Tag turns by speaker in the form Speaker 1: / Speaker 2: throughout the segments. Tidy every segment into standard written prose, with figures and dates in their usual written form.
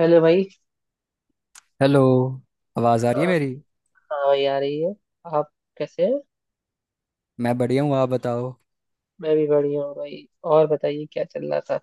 Speaker 1: Hello भाई।
Speaker 2: Hello. आवाज़ आ रही है मेरी?
Speaker 1: हाँ भाई आ रही है। आप कैसे हैं?
Speaker 2: मैं बढ़िया हूँ, आप बताओ।
Speaker 1: मैं भी बढ़िया हूँ भाई। और बताइए क्या चल रहा था?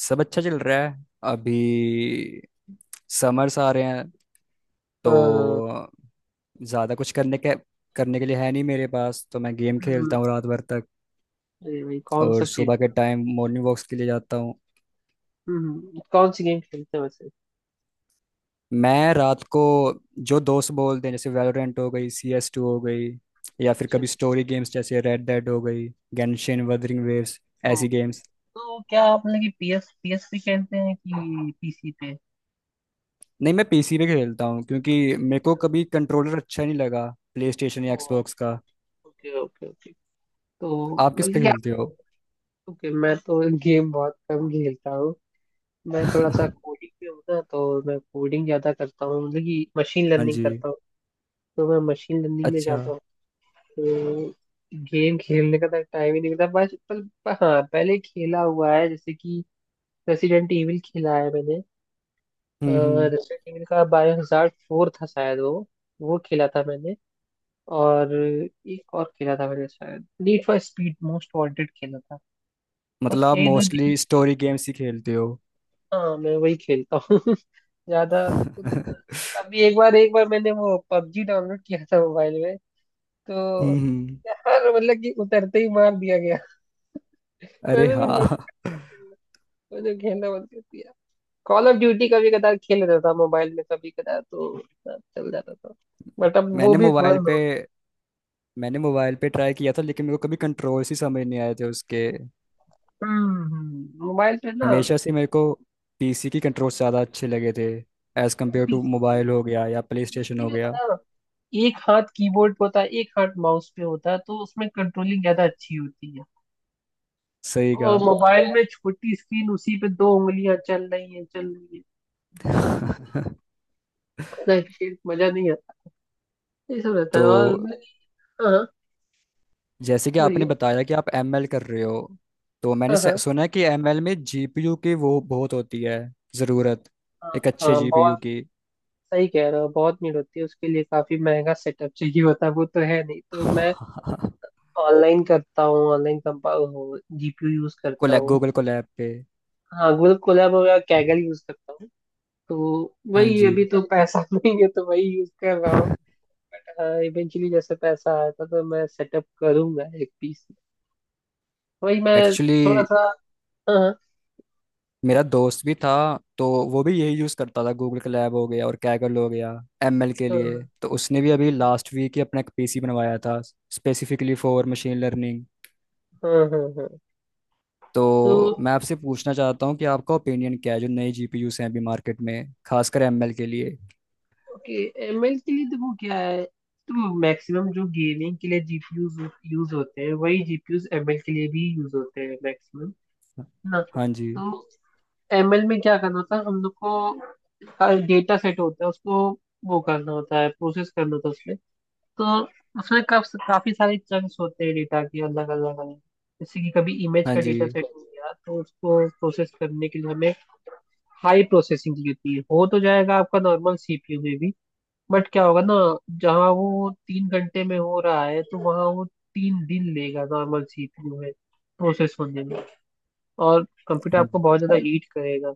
Speaker 2: सब अच्छा चल रहा है। अभी समर्स आ रहे हैं
Speaker 1: हाँ।
Speaker 2: तो ज़्यादा कुछ करने के लिए है नहीं मेरे पास, तो मैं गेम
Speaker 1: हम्म।
Speaker 2: खेलता हूँ रात भर तक।
Speaker 1: अरे भाई कौन
Speaker 2: और
Speaker 1: सा खेल?
Speaker 2: सुबह के टाइम मॉर्निंग वॉक्स के लिए जाता हूँ।
Speaker 1: हम्म, कौन सी गेम खेलते हो वैसे?
Speaker 2: मैं रात को जो दोस्त बोलते हैं, जैसे वैलोरेंट हो गई, CS2 हो गई, या फिर
Speaker 1: अच्छा
Speaker 2: कभी
Speaker 1: अच्छा।
Speaker 2: स्टोरी गेम्स जैसे रेड डेड हो गई, गेंशिन,
Speaker 1: okay.
Speaker 2: वदरिंग वेव्स,
Speaker 1: ओ,
Speaker 2: ऐसी गेम्स।
Speaker 1: तो क्या आप मतलब कि पीएस पीएस पे खेलते हैं कि पीसी पे?
Speaker 2: नहीं, मैं पीसी पे खेलता हूँ क्योंकि मेरे को कभी कंट्रोलर अच्छा नहीं लगा प्ले स्टेशन या
Speaker 1: ओ,
Speaker 2: एक्सबॉक्स का।
Speaker 1: Okay okay okay. तो
Speaker 2: आप किस
Speaker 1: मतलब
Speaker 2: पे
Speaker 1: कि आप,
Speaker 2: खेलते हो?
Speaker 1: ओके मैं तो गेम बहुत कम खेलता हूँ। मैं थोड़ा सा कोडिंग पे हूँ ना, तो मैं कोडिंग ज्यादा करता हूँ, मतलब कि मशीन
Speaker 2: हाँ
Speaker 1: लर्निंग
Speaker 2: जी।
Speaker 1: करता हूँ। तो मैं मशीन लर्निंग में
Speaker 2: अच्छा।
Speaker 1: जाता हूँ। तो गेम खेलने का तो टाइम ही नहीं मिलता बस। पर हाँ पहले खेला हुआ है, जैसे कि रेसिडेंट ईविल खेला है मैंने।
Speaker 2: हम्म, हम्म।
Speaker 1: रेसिडेंट ईविल का बायोहजार्ड फोर था शायद वो। वो खेला था मैंने। और एक और खेला था मैंने, शायद need for speed most wanted खेला था।
Speaker 2: मतलब
Speaker 1: बस
Speaker 2: आप
Speaker 1: यही दो गेम।
Speaker 2: मोस्टली स्टोरी गेम्स ही खेलते हो?
Speaker 1: हाँ मैं वही खेलता हूँ ज्यादा।
Speaker 2: हम्म,
Speaker 1: अभी एक बार मैंने वो पबजी डाउनलोड किया था मोबाइल में। तो
Speaker 2: हम्म।
Speaker 1: हर मतलब कि उतरते ही मार दिया गया।
Speaker 2: अरे
Speaker 1: मैंने भी बहुत
Speaker 2: हाँ।
Speaker 1: घटिया खेला। मुझे खेलना बंद कर दिया। कॉल ऑफ ड्यूटी कभी कदार खेल लेता था मोबाइल में, कभी कदार तो इतना चल जाता था। बट अब वो
Speaker 2: मैंने
Speaker 1: भी
Speaker 2: मोबाइल
Speaker 1: बंद
Speaker 2: पे
Speaker 1: हो गया।
Speaker 2: मैंने मोबाइल पे ट्राई किया था लेकिन मेरे को कभी कंट्रोल्स ही समझ नहीं आए थे उसके।
Speaker 1: हम्म, मोबाइल पे ना।
Speaker 2: हमेशा से मेरे को पीसी की कंट्रोल्स ज़्यादा अच्छे लगे थे, as compare to
Speaker 1: PC
Speaker 2: mobile हो गया या प्ले स्टेशन
Speaker 1: पीसी
Speaker 2: हो
Speaker 1: में
Speaker 2: गया।
Speaker 1: पता है, एक हाथ कीबोर्ड पे होता है एक हाथ माउस पे होता है, तो उसमें कंट्रोलिंग ज्यादा अच्छी होती है।
Speaker 2: सही कहा।
Speaker 1: और मोबाइल में छोटी स्क्रीन उसी पे दो उंगलियां चल रही है। इतना खेल मजा नहीं आता, ये सब रहता है।
Speaker 2: तो
Speaker 1: और हाँ हाँ,
Speaker 2: जैसे कि आपने
Speaker 1: बोलिए।
Speaker 2: बताया कि आप एमएल कर रहे हो, तो मैंने
Speaker 1: हाँ हाँ
Speaker 2: सुना है कि एमएल में जीपीयू की वो बहुत होती है, ज़रूरत,
Speaker 1: हाँ
Speaker 2: एक अच्छे
Speaker 1: हाँ,
Speaker 2: जीपीयू
Speaker 1: बहुत।
Speaker 2: की।
Speaker 1: सही कह रहे हो, बहुत भीड़ होती है, उसके लिए काफी महंगा सेटअप चाहिए होता है। वो तो है नहीं तो मैं ऑनलाइन करता हूँ, ऑनलाइन कंपा, जीपीयू यूज करता
Speaker 2: कोलैब,
Speaker 1: हूँ।
Speaker 2: गूगल कोलैब पे।
Speaker 1: हाँ गूगल कोलैब वगैरह कैगल यूज करता हूँ। तो
Speaker 2: हाँ
Speaker 1: वही,
Speaker 2: जी।
Speaker 1: अभी तो पैसा नहीं है तो वही यूज कर रहा हूँ। बट हाँ इवेंचुअली जैसे पैसा आया था तो मैं सेटअप करूंगा एक पीस। वही मैं थोड़ा
Speaker 2: एक्चुअली
Speaker 1: सा। हाँ
Speaker 2: मेरा दोस्त भी था, तो वो भी यही यूज़ करता था, गूगल कोलैब हो गया और कैगल हो गया, एमएल के लिए।
Speaker 1: हाँ
Speaker 2: तो उसने भी अभी लास्ट वीक ही अपना एक पीसी बनवाया था स्पेसिफिकली फॉर मशीन लर्निंग।
Speaker 1: हाँ हाँ हाँ हाँ। तो
Speaker 2: तो मैं आपसे पूछना चाहता हूँ कि आपका ओपिनियन क्या है जो नए जीपीयूस हैं अभी मार्केट में, खासकर एमएल के लिए।
Speaker 1: ओके, एमएल के लिए तो वो क्या है, तो मैक्सिमम जो गेमिंग के लिए जीपीयूज यूज होते हैं वही जीपीयूज एमएल के लिए भी यूज होते हैं मैक्सिमम ना।
Speaker 2: हाँ जी।
Speaker 1: तो एमएल में क्या करना होता है, हम लोग को डेटा सेट होता है, उसको वो करना होता है, प्रोसेस करना होता है उसमें। तो उसमें काफी सारे चंक्स होते हैं डेटा के अलग अलग अलग। जैसे कि कभी इमेज
Speaker 2: हाँ
Speaker 1: का
Speaker 2: जी।
Speaker 1: डेटा सेट हो गया तो उसको प्रोसेस करने के लिए हमें हाई प्रोसेसिंग की होती है। हो तो जाएगा आपका नॉर्मल सीपीयू में भी, बट क्या होगा ना, जहाँ वो 3 घंटे में हो रहा है तो वहाँ वो 3 दिन लेगा नॉर्मल सीपीयू में प्रोसेस होने में। और कंप्यूटर
Speaker 2: हाँ
Speaker 1: आपको
Speaker 2: जी।
Speaker 1: बहुत ज्यादा हीट करेगा।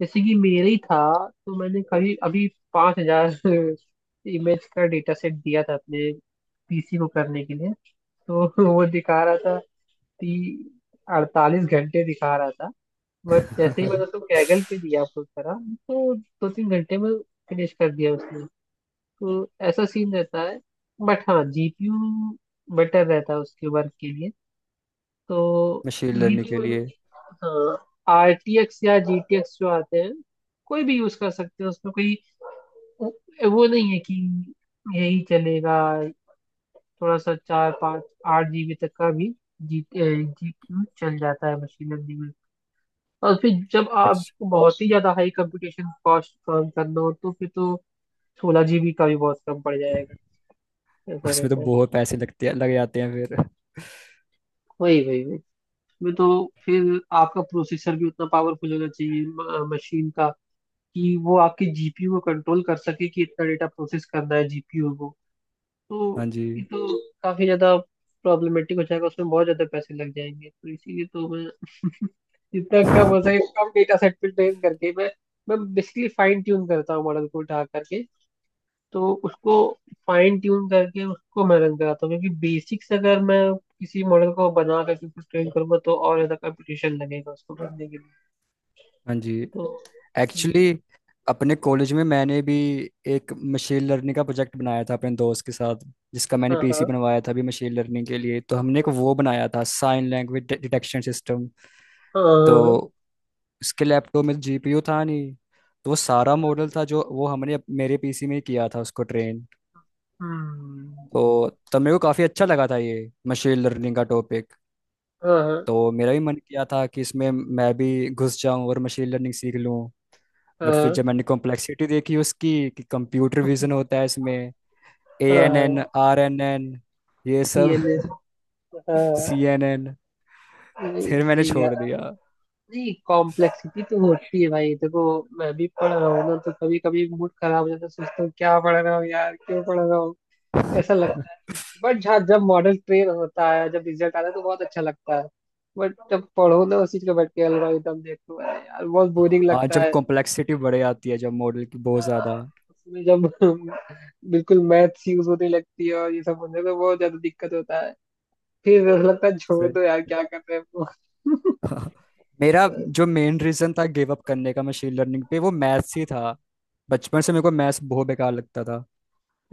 Speaker 1: जैसे कि मेरे ही था, तो मैंने कभी अभी 5 हज़ार इमेज का डेटा सेट दिया था अपने पीसी को करने के लिए। तो वो दिखा रहा था, ती 48 घंटे दिखा रहा था। बट जैसे ही मैंने उसको कैगल पे दिया अपलोड करा, तो दो तीन घंटे में फिनिश कर दिया उसने। तो ऐसा सीन रहता है। बट हाँ जीपीयू बेटर रहता है उसके वर्क के लिए। तो
Speaker 2: मशीन लर्निंग
Speaker 1: जीपीयू
Speaker 2: के
Speaker 1: वाले
Speaker 2: लिए।
Speaker 1: की, हाँ आरटीएक्स या जीटीएक्स जो आते हैं कोई भी यूज कर सकते हैं उसमें। कोई वो वो नहीं है कि यही चलेगा। थोड़ा सा चार पाँच 8 GB तक का भी जी जीपीयू चल जाता है मशीन लर्निंग में। और फिर जब
Speaker 2: एक्स।
Speaker 1: आपको बहुत ही ज्यादा हाई कंप्यूटेशन कॉस्ट काम करना हो, तो फिर तो 16 GB का भी बहुत कम पड़ जाएगा। ऐसा
Speaker 2: उसमें तो
Speaker 1: रहता है।
Speaker 2: बहुत पैसे लगते हैं, लग जाते हैं फिर।
Speaker 1: वही वही वही, मैं तो, फिर आपका प्रोसेसर भी उतना पावरफुल होना चाहिए मशीन का, कि वो आपकी जीपीयू को कंट्रोल कर सके कि इतना डेटा प्रोसेस करना है जीपीयू को।
Speaker 2: हाँ
Speaker 1: तो
Speaker 2: जी।
Speaker 1: ये तो काफी ज्यादा प्रॉब्लमेटिक हो जाएगा, उसमें बहुत ज्यादा पैसे लग जाएंगे। तो इसीलिए तो मैं जितना कम
Speaker 2: हाँ
Speaker 1: हो सके कम डेटा सेट पे ट्रेन करके मैं बेसिकली फाइन ट्यून करता हूँ मॉडल को उठा करके। तो उसको फाइन ट्यून करके उसको मैं रख रहा था, क्योंकि बेसिक्स अगर मैं किसी मॉडल को बना करके कुछ ट्रेन करूंगा तो और ज्यादा कंपटीशन लगेगा उसको बनने के लिए।
Speaker 2: जी।
Speaker 1: तो हम्म,
Speaker 2: एक्चुअली अपने कॉलेज में मैंने भी एक मशीन लर्निंग का प्रोजेक्ट बनाया था अपने दोस्त के साथ, जिसका मैंने
Speaker 1: हाँ हाँ
Speaker 2: पीसी बनवाया था अभी मशीन लर्निंग के लिए। तो
Speaker 1: हाँ
Speaker 2: हमने एक वो बनाया था, साइन लैंग्वेज डिटेक्शन सिस्टम।
Speaker 1: हाँ, हाँ,
Speaker 2: तो इसके लैपटॉप में जीपीयू था नहीं, तो वो सारा मॉडल था जो वो हमने मेरे पीसी में ही किया था उसको ट्रेन।
Speaker 1: हम्म,
Speaker 2: तो तब मेरे को काफ़ी अच्छा लगा था ये मशीन लर्निंग का टॉपिक।
Speaker 1: हाँ
Speaker 2: तो मेरा भी मन किया था कि इसमें मैं भी घुस जाऊं और मशीन लर्निंग सीख लूं। बट फिर
Speaker 1: हाँ
Speaker 2: जब मैंने कॉम्प्लेक्सिटी देखी उसकी, कि कंप्यूटर विजन होता है इसमें, ANN,
Speaker 1: हाँ।
Speaker 2: RNN, ये
Speaker 1: सी
Speaker 2: सब।
Speaker 1: एन एस हाँ।
Speaker 2: CNN।
Speaker 1: नहीं,
Speaker 2: फिर मैंने
Speaker 1: सही है।
Speaker 2: छोड़ दिया।
Speaker 1: नहीं, कॉम्प्लेक्सिटी तो होती है भाई, देखो मैं भी पढ़ रहा हूँ ना, तो कभी कभी मूड खराब हो जाता है, सोचता हूँ क्या पढ़ रहा हूँ यार, क्यों पढ़ रहा हूँ, ऐसा लगता है। बट हाँ जब मॉडल क्लियर होता है, जब रिजल्ट आता है तो बहुत अच्छा लगता है। बट जब पढ़ो ना उस चीज को बैठ के, एल्गोरिदम देखो, अरे यार बहुत बोरिंग
Speaker 2: हाँ,
Speaker 1: लगता
Speaker 2: जब
Speaker 1: है।
Speaker 2: कॉम्प्लेक्सिटी बढ़ जाती है, जब मॉडल की बहुत
Speaker 1: हाँ,
Speaker 2: ज़्यादा।
Speaker 1: उसमें जब बिल्कुल मैथ्स यूज होने लगती है और ये सब होने तो बहुत ज्यादा दिक्कत होता है। फिर ऐसा लगता है छोड़ दो यार क्या कर रहे हो।
Speaker 2: हाँ, मेरा जो मेन रीजन था गिव अप करने का मशीन लर्निंग पे, वो मैथ्स ही था। बचपन से मेरे को मैथ्स बहुत बेकार लगता था।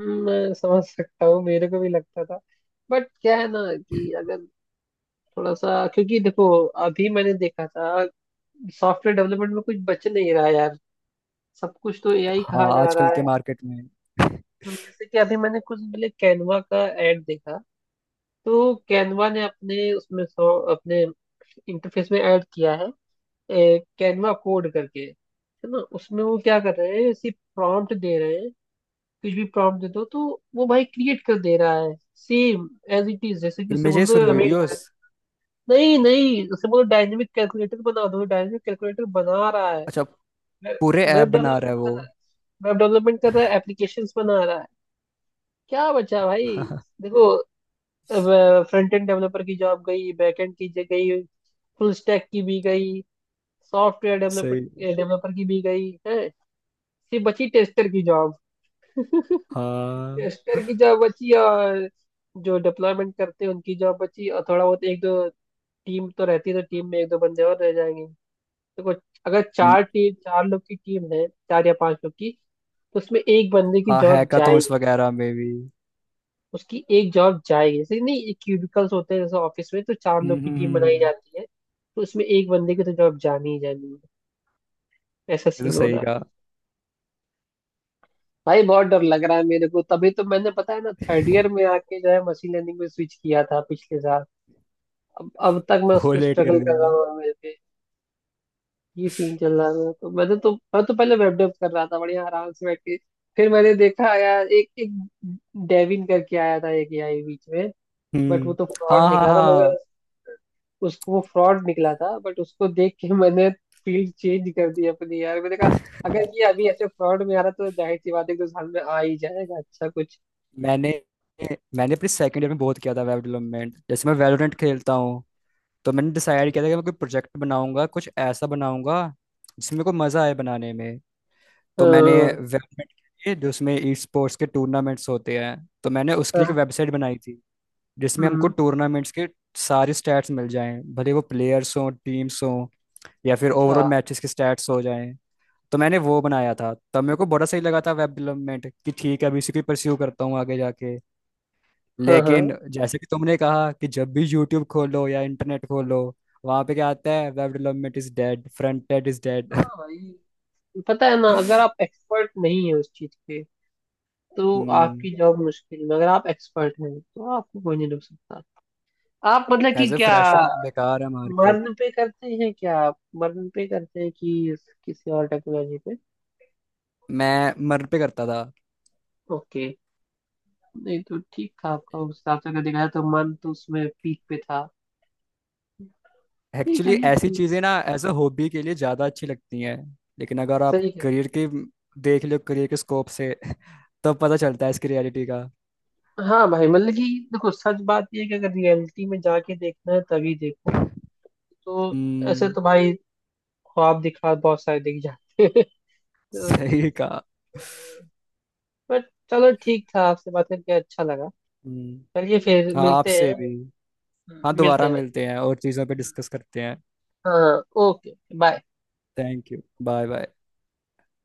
Speaker 1: मैं समझ सकता हूँ, मेरे को भी लगता था। बट क्या है ना कि अगर थोड़ा सा, क्योंकि देखो अभी मैंने देखा था सॉफ्टवेयर डेवलपमेंट में कुछ बच नहीं रहा है यार, सब कुछ तो एआई
Speaker 2: हाँ,
Speaker 1: कहा जा रहा
Speaker 2: आजकल के
Speaker 1: है।
Speaker 2: मार्केट में।
Speaker 1: हम जैसे कि अभी मैंने कुछ दिन पहले कैनवा का ऐड देखा, तो कैनवा ने अपने उसमें सो, अपने इंटरफेस में ऐड किया है, कैनवा कोड करके है ना, उसमें वो क्या कर रहे हैं सिर्फ प्रॉम्प्ट दे रहे हैं। कुछ भी प्रॉम्प्ट दे दो तो वो भाई क्रिएट कर दे रहा है। सेम एज इट इज, जैसे कि उसे बोल
Speaker 2: इमेजेस और
Speaker 1: दो हमें,
Speaker 2: वीडियोस।
Speaker 1: नहीं नहीं उसे बोलो डायनेमिक कैलकुलेटर बना दो, डायनेमिक कैलकुलेटर बना रहा है।
Speaker 2: अच्छा। पूरे
Speaker 1: वेब
Speaker 2: ऐप बना रहा है
Speaker 1: डेवलपमेंट कर
Speaker 2: वो?
Speaker 1: रहा है, वेब डेवलपमेंट कर रहा है, एप्लीकेशंस बना रहा है। क्या बचा भाई। देखो फ्रंट एंड डेवलपर की जॉब गई, बैक एंड की गई, फुल स्टैक की भी गई, सॉफ्टवेयर डेवलपर
Speaker 2: सही।
Speaker 1: डेवलपर की भी गई है। सिर्फ बची टेस्टर की जॉब। टेस्टर
Speaker 2: हाँ।
Speaker 1: की जॉब बची और जो डिप्लॉयमेंट करते हैं उनकी जॉब बची, और थोड़ा बहुत एक दो टीम तो रहती है, तो टीम में एक दो बंदे और रह जाएंगे। देखो अगर
Speaker 2: हम्म,
Speaker 1: चार टीम चार लोग की टीम है, चार या पांच लोग की, तो उसमें एक बंदे की
Speaker 2: हाँ।
Speaker 1: जॉब,
Speaker 2: हैकाथॉन्स वगैरह में भी।
Speaker 1: उसकी एक जॉब जाएगी। जैसे कि नहीं, क्यूबिकल्स होते हैं जैसे ऑफिस में, तो चार
Speaker 2: हम्म,
Speaker 1: लोग की टीम बनाई
Speaker 2: हम्म।
Speaker 1: जाती है, तो उसमें एक बंदे की तो जॉब जानी ही जानी है। ऐसा
Speaker 2: ये तो
Speaker 1: सीन हो
Speaker 2: सही
Speaker 1: रहा
Speaker 2: कहा।
Speaker 1: है। भाई बहुत डर लग रहा है मेरे को, तभी तो मैंने पता है ना थर्ड ईयर में आके जो है मशीन लर्निंग में स्विच किया था पिछले साल। अब तक मैं उस
Speaker 2: बहुत
Speaker 1: पर
Speaker 2: लेट कर
Speaker 1: स्ट्रगल कर रहा
Speaker 2: दिया।
Speaker 1: हूँ, मेरे पे ये सीन चल रहा है। तो मैंने, तो मैं तो पहले वेब डेव कर रहा था बढ़िया आराम से बैठ के, फिर मैंने देखा यार, एक एक डेविन करके आया था एक एआई बीच में। बट वो
Speaker 2: हम्म।
Speaker 1: तो फ्रॉड
Speaker 2: हाँ हाँ
Speaker 1: निकला था
Speaker 2: हाँ।
Speaker 1: मगर, उसको वो फ्रॉड निकला था, बट उसको देख के मैंने फील्ड चेंज कर दी अपनी। यार मैंने कहा अगर ये अभी ऐसे फ्रॉड में आ रहा, तो जाहिर सी बात है कि साल में आ ही जाएगा अच्छा कुछ।
Speaker 2: मैंने मैंने अपने सेकंड ईयर में बहुत किया था वेब डेवलपमेंट। जैसे मैं वैलोरेंट खेलता हूँ, तो मैंने डिसाइड किया था कि मैं कोई प्रोजेक्ट बनाऊंगा, कुछ ऐसा बनाऊंगा जिसमें मेरे को मजा आए बनाने में। तो मैंने
Speaker 1: हाँ
Speaker 2: वेबसाइट के लिए, जो उसमें ई स्पोर्ट्स के टूर्नामेंट्स होते हैं, तो मैंने उसके लिए
Speaker 1: हाँ,
Speaker 2: एक वेबसाइट बनाई थी,
Speaker 1: हम्म,
Speaker 2: जिसमें हमको
Speaker 1: हम्म,
Speaker 2: टूर्नामेंट्स के सारे स्टैट्स मिल जाएं, भले वो प्लेयर्स हों, टीम्स हों, या फिर
Speaker 1: अच्छा,
Speaker 2: ओवरऑल मैचेस के स्टैट्स हो जाएं। तो मैंने वो बनाया था, तब मेरे को बड़ा सही लगा था वेब डेवलपमेंट कि ठीक है, अभी इसी को परस्यू करता हूँ आगे जाके।
Speaker 1: हाँ हाँ।
Speaker 2: लेकिन जैसे कि तुमने कहा कि जब भी यूट्यूब खोलो या इंटरनेट खोलो, वहां पे क्या आता है, web development is dead, front end is dead.
Speaker 1: हाँ भाई, पता है ना, अगर आप एक्सपर्ट नहीं है उस चीज के तो
Speaker 2: हम्म।
Speaker 1: आपकी जॉब मुश्किल में, अगर आप एक्सपर्ट हैं तो आपको कोई नहीं रोक सकता। आप मतलब कि
Speaker 2: एज ए
Speaker 1: क्या,
Speaker 2: फ्रेशर बेकार है मार्केट।
Speaker 1: मर्न पे करते हैं कि किसी और टेक्नोलॉजी पे?
Speaker 2: मैं मर पे करता था।
Speaker 1: ओके। नहीं तो ठीक था आपका, उस हिसाब से अगर देखा जाए तो मन तो उसमें पीक पे था। नहीं
Speaker 2: एक्चुअली
Speaker 1: चलिए
Speaker 2: ऐसी
Speaker 1: ठीक।
Speaker 2: चीजें ना एज अ हॉबी के लिए ज्यादा अच्छी लगती हैं। लेकिन अगर आप
Speaker 1: सही कह रहे
Speaker 2: करियर की, देख लो करियर के स्कोप से, तब पता चलता है इसकी रियलिटी का।
Speaker 1: हैं। हाँ भाई मतलब कि देखो सच बात ये है कि अगर रियलिटी में जाके देखना है तभी देखो। तो ऐसे
Speaker 2: हम्म।
Speaker 1: तो भाई ख्वाब दिखा बहुत सारे दिख जाते हैं। तो,
Speaker 2: सही कहा।
Speaker 1: बट चलो ठीक, था आपसे बात करके अच्छा लगा।
Speaker 2: हम्म।
Speaker 1: चलिए फिर
Speaker 2: हाँ
Speaker 1: मिलते
Speaker 2: आपसे
Speaker 1: हैं।
Speaker 2: भी। हाँ
Speaker 1: मिलते
Speaker 2: दोबारा
Speaker 1: हैं भाई।
Speaker 2: मिलते हैं और चीज़ों पे डिस्कस करते हैं।
Speaker 1: हाँ okay bye.
Speaker 2: Thank you. Bye bye.